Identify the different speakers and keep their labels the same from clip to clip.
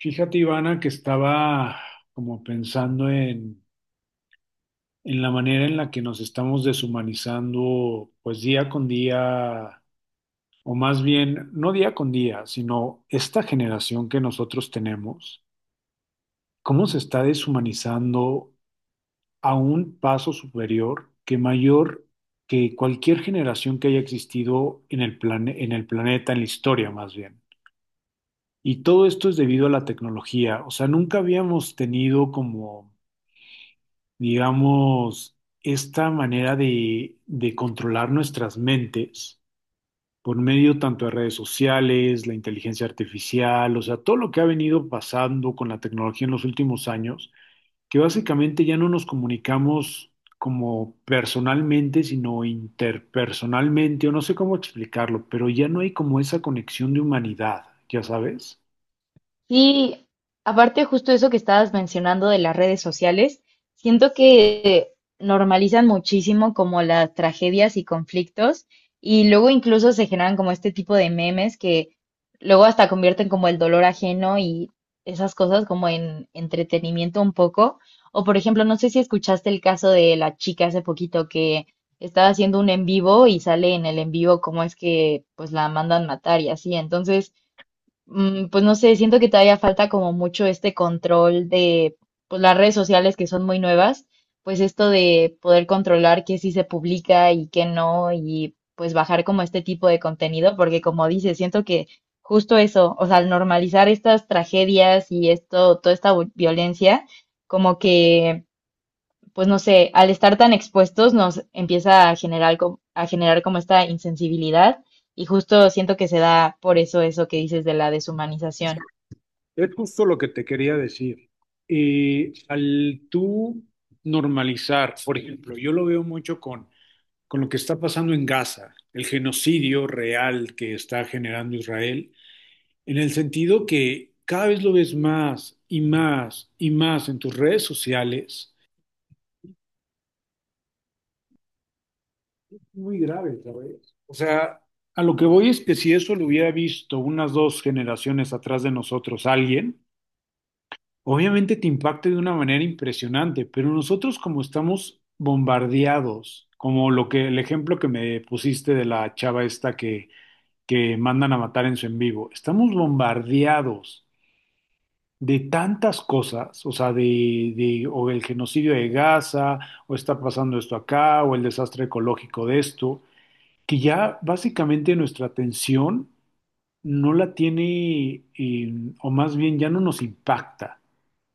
Speaker 1: Fíjate, Ivana, que estaba como pensando en la manera en la que nos estamos deshumanizando, pues día con día, o más bien, no día con día, sino esta generación que nosotros tenemos, cómo se está deshumanizando a un paso superior que mayor que cualquier generación que haya existido en el en el planeta, en la historia más bien. Y todo esto es debido a la tecnología, o sea, nunca habíamos tenido como digamos, esta manera de controlar nuestras mentes por medio tanto de redes sociales, la inteligencia artificial, o sea, todo lo que ha venido pasando con la tecnología en los últimos años, que básicamente ya no nos comunicamos como personalmente, sino interpersonalmente, o no sé cómo explicarlo, pero ya no hay como esa conexión de humanidad, ya sabes.
Speaker 2: Sí, aparte justo eso que estabas mencionando de las redes sociales, siento que normalizan muchísimo como las tragedias y conflictos, y luego incluso se generan como este tipo de memes que luego hasta convierten como el dolor ajeno y esas cosas como en entretenimiento un poco. O por ejemplo, no sé si escuchaste el caso de la chica hace poquito que estaba haciendo un en vivo y sale en el en vivo cómo es que pues la mandan matar y así. Entonces pues no sé, siento que todavía falta como mucho este control de, pues, las redes sociales, que son muy nuevas, pues esto de poder controlar qué sí se publica y qué no, y pues bajar como este tipo de contenido, porque como dices, siento que justo eso, o sea, al normalizar estas tragedias y esto, toda esta violencia, como que pues no sé, al estar tan expuestos nos empieza a generar, a generar como esta insensibilidad, y justo siento que se da por eso eso que dices de la deshumanización.
Speaker 1: Es justo lo que te quería decir. Y al tú normalizar, por ejemplo, yo lo veo mucho con lo que está pasando en Gaza, el genocidio real que está generando Israel, en el sentido que cada vez lo ves más y más y más en tus redes sociales. Muy grave, ¿sabes? O sea, a lo que voy es que si eso lo hubiera visto unas dos generaciones atrás de nosotros alguien, obviamente te impacta de una manera impresionante, pero nosotros como estamos bombardeados, como lo que el ejemplo que me pusiste de la chava esta que mandan a matar en su en vivo, estamos bombardeados de tantas cosas, o sea, de o el genocidio de Gaza, o está pasando esto acá, o el desastre ecológico de esto, que ya básicamente nuestra atención no la tiene, o más bien ya no nos impacta.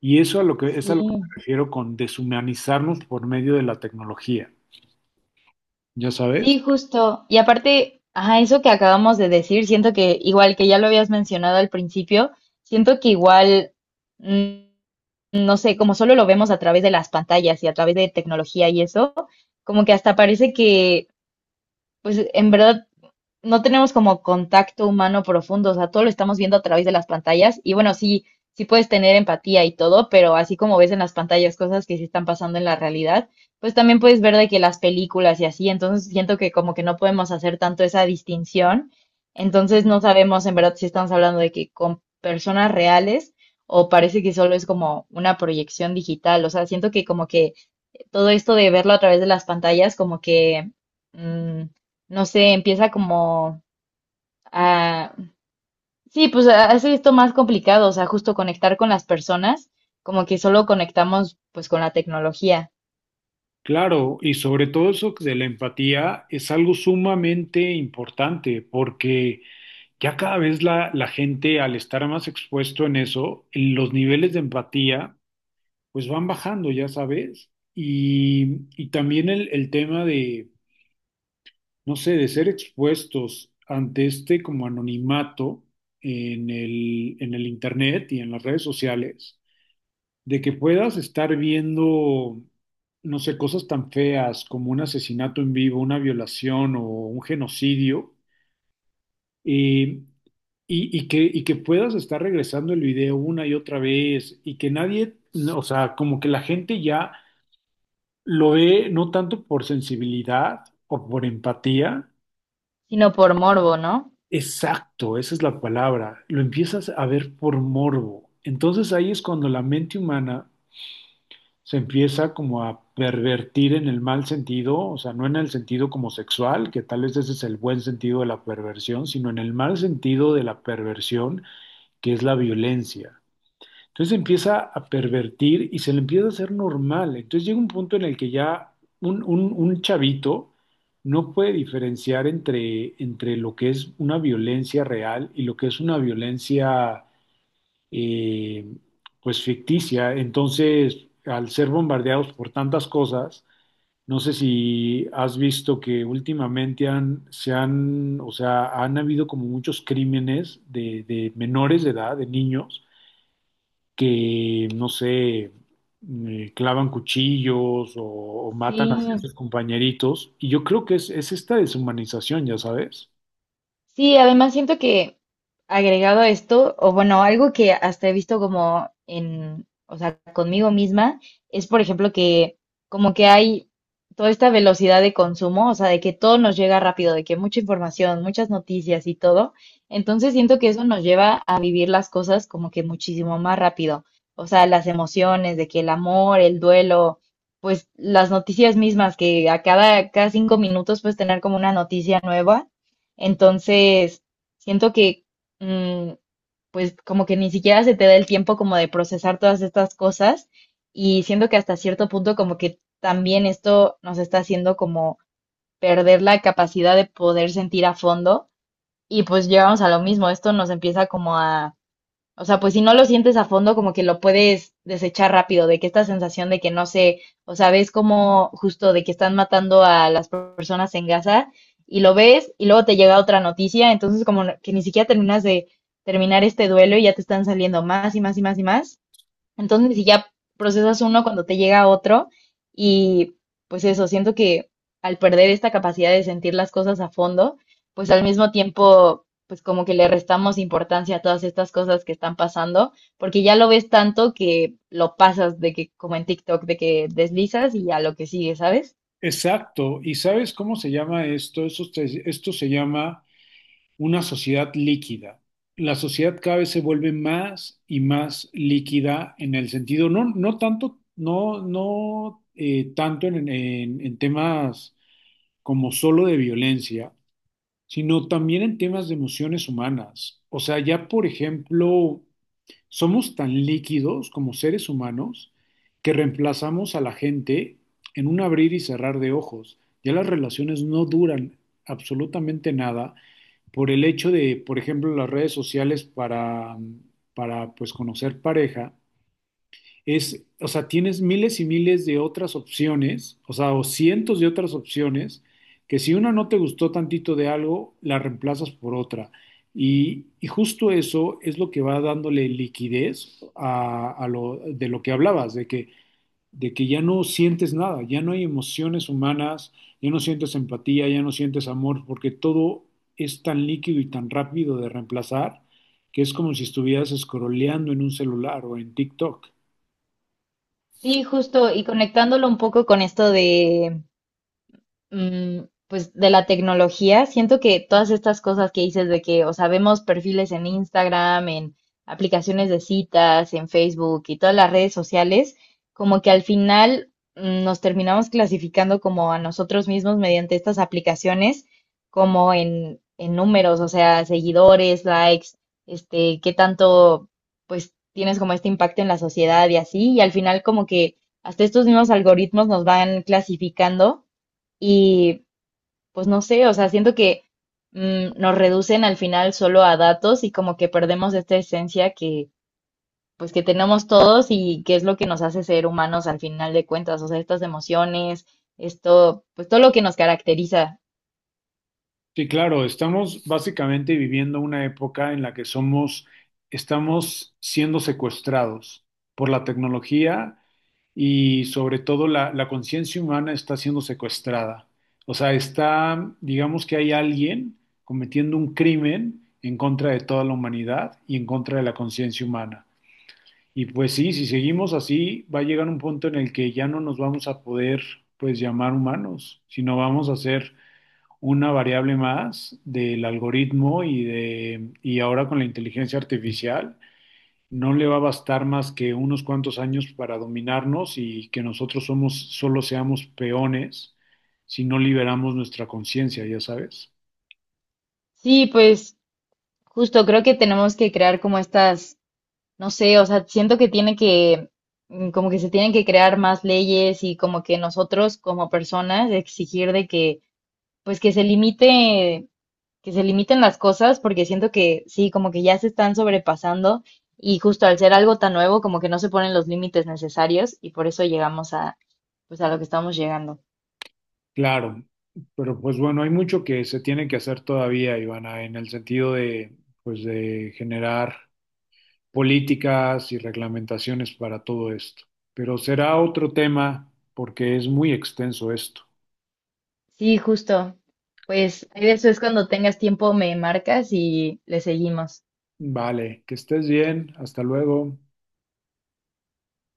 Speaker 1: Y eso a lo que, es a lo que me
Speaker 2: Sí.
Speaker 1: refiero con deshumanizarnos por medio de la tecnología, ¿ya sabes?
Speaker 2: Sí, justo. Y aparte, ajá, eso que acabamos de decir, siento que igual que ya lo habías mencionado al principio, siento que igual, mm, no sé, como solo lo vemos a través de las pantallas y a través de tecnología y eso, como que hasta parece que, pues en verdad no tenemos como contacto humano profundo, o sea, todo lo estamos viendo a través de las pantallas y bueno, sí, sí puedes tener empatía y todo, pero así como ves en las pantallas cosas que sí están pasando en la realidad, pues también puedes ver de que las películas y así, entonces siento que como que no podemos hacer tanto esa distinción, entonces no sabemos en verdad si estamos hablando de que con personas reales o parece que solo es como una proyección digital, o sea, siento que como que todo esto de verlo a través de las pantallas como que... mm, no sé, empieza como... Ah, sí, pues hace esto más complicado, o sea, justo conectar con las personas, como que solo conectamos pues con la tecnología,
Speaker 1: Claro, y sobre todo eso de la empatía es algo sumamente importante porque ya cada vez la gente al estar más expuesto en eso, los niveles de empatía pues van bajando, ya sabes. Y también el tema de, no sé, de ser expuestos ante este como anonimato en el internet y en las redes sociales de que puedas estar viendo, no sé, cosas tan feas como un asesinato en vivo, una violación o un genocidio, eh, y que puedas estar regresando el video una y otra vez, y que nadie, no, o sea, como que la gente ya lo ve no tanto por sensibilidad o por empatía,
Speaker 2: sino por morbo, ¿no?
Speaker 1: exacto, esa es la palabra, lo empiezas a ver por morbo. Entonces ahí es cuando la mente humana se empieza como a pervertir en el mal sentido, o sea, no en el sentido como sexual, que tal vez ese es el buen sentido de la perversión, sino en el mal sentido de la perversión, que es la violencia. Entonces empieza a pervertir y se le empieza a hacer normal. Entonces llega un punto en el que ya un chavito no puede diferenciar entre lo que es una violencia real y lo que es una violencia eh, pues ficticia. Entonces, al ser bombardeados por tantas cosas, no sé si has visto que últimamente han, se han, o sea, han habido como muchos crímenes de menores de edad, de niños, que, no sé, clavan cuchillos o matan a
Speaker 2: Sí.
Speaker 1: sus compañeritos. Y yo creo que es esta deshumanización, ya sabes.
Speaker 2: Sí, además siento que, agregado a esto, o bueno, algo que hasta he visto como en, o sea, conmigo misma, es por ejemplo que como que hay toda esta velocidad de consumo, o sea, de que todo nos llega rápido, de que mucha información, muchas noticias y todo. Entonces siento que eso nos lleva a vivir las cosas como que muchísimo más rápido. O sea, las emociones, de que el amor, el duelo, pues las noticias mismas, que a cada, cada 5 minutos puedes tener como una noticia nueva. Entonces, siento que, mm, pues como que ni siquiera se te da el tiempo como de procesar todas estas cosas, y siento que hasta cierto punto como que también esto nos está haciendo como perder la capacidad de poder sentir a fondo, y pues llegamos a lo mismo, esto nos empieza como a... O sea, pues si no lo sientes a fondo, como que lo puedes desechar rápido, de que esta sensación de que no sé, o sea, ves como justo de que están matando a las personas en Gaza y lo ves y luego te llega otra noticia, entonces como que ni siquiera terminas de terminar este duelo y ya te están saliendo más y más y más y más. Entonces, si ya procesas uno cuando te llega otro, y pues eso, siento que al perder esta capacidad de sentir las cosas a fondo, pues al mismo tiempo, pues como que le restamos importancia a todas estas cosas que están pasando, porque ya lo ves tanto que lo pasas de que como en TikTok, de que deslizas y a lo que sigue, ¿sabes?
Speaker 1: Exacto. ¿Y sabes cómo se llama esto? Esto, esto se llama una sociedad líquida. La sociedad cada vez se vuelve más y más líquida en el sentido, no, no tanto, no, no tanto en, en temas como solo de violencia, sino también en temas de emociones humanas. O sea, ya por ejemplo, somos tan líquidos como seres humanos que reemplazamos a la gente en un abrir y cerrar de ojos. Ya las relaciones no duran absolutamente nada por el hecho de, por ejemplo, las redes sociales para pues conocer pareja, es, o sea, tienes miles y miles de otras opciones, o sea, o cientos de otras opciones, que si una no te gustó tantito de algo, la reemplazas por otra. Y justo eso es lo que va dándole liquidez de lo que hablabas, de que ya no sientes nada, ya no hay emociones humanas, ya no sientes empatía, ya no sientes amor, porque todo es tan líquido y tan rápido de reemplazar que es como si estuvieras scrolleando en un celular o en TikTok.
Speaker 2: Sí, justo, y conectándolo un poco con esto de, pues de la tecnología, siento que todas estas cosas que dices de que, o sea, vemos perfiles en Instagram, en aplicaciones de citas, en Facebook y todas las redes sociales, como que al final nos terminamos clasificando como a nosotros mismos mediante estas aplicaciones, como en números, o sea, seguidores, likes, este, qué tanto, pues, tienes como este impacto en la sociedad y así, y al final como que hasta estos mismos algoritmos nos van clasificando. Y pues no sé, o sea, siento que nos reducen al final solo a datos y como que perdemos esta esencia que pues que tenemos todos y que es lo que nos hace ser humanos al final de cuentas, o sea, estas emociones, esto, pues todo lo que nos caracteriza.
Speaker 1: Sí, claro, estamos básicamente viviendo una época en la que somos, estamos siendo secuestrados por la tecnología y sobre todo la conciencia humana está siendo secuestrada. O sea, está, digamos que hay alguien cometiendo un crimen en contra de toda la humanidad y en contra de la conciencia humana. Y pues sí, si seguimos así, va a llegar un punto en el que ya no nos vamos a poder, pues, llamar humanos, sino vamos a ser una variable más del algoritmo y de y ahora con la inteligencia artificial no le va a bastar más que unos cuantos años para dominarnos y que nosotros somos solo seamos peones si no liberamos nuestra conciencia, ya sabes.
Speaker 2: Sí, pues justo creo que tenemos que crear como estas, no sé, o sea, siento que tiene que, como que se tienen que crear más leyes y como que nosotros como personas exigir de que, pues que se limite, que se limiten las cosas, porque siento que sí, como que ya se están sobrepasando, y justo al ser algo tan nuevo, como que no se ponen los límites necesarios y por eso llegamos a, pues, a lo que estamos llegando.
Speaker 1: Claro, pero pues bueno, hay mucho que se tiene que hacer todavía, Ivana, en el sentido de pues de generar políticas y reglamentaciones para todo esto. Pero será otro tema porque es muy extenso esto.
Speaker 2: Sí, justo. Pues ahí de eso, es cuando tengas tiempo me marcas y le seguimos.
Speaker 1: Vale, que estés bien. Hasta luego.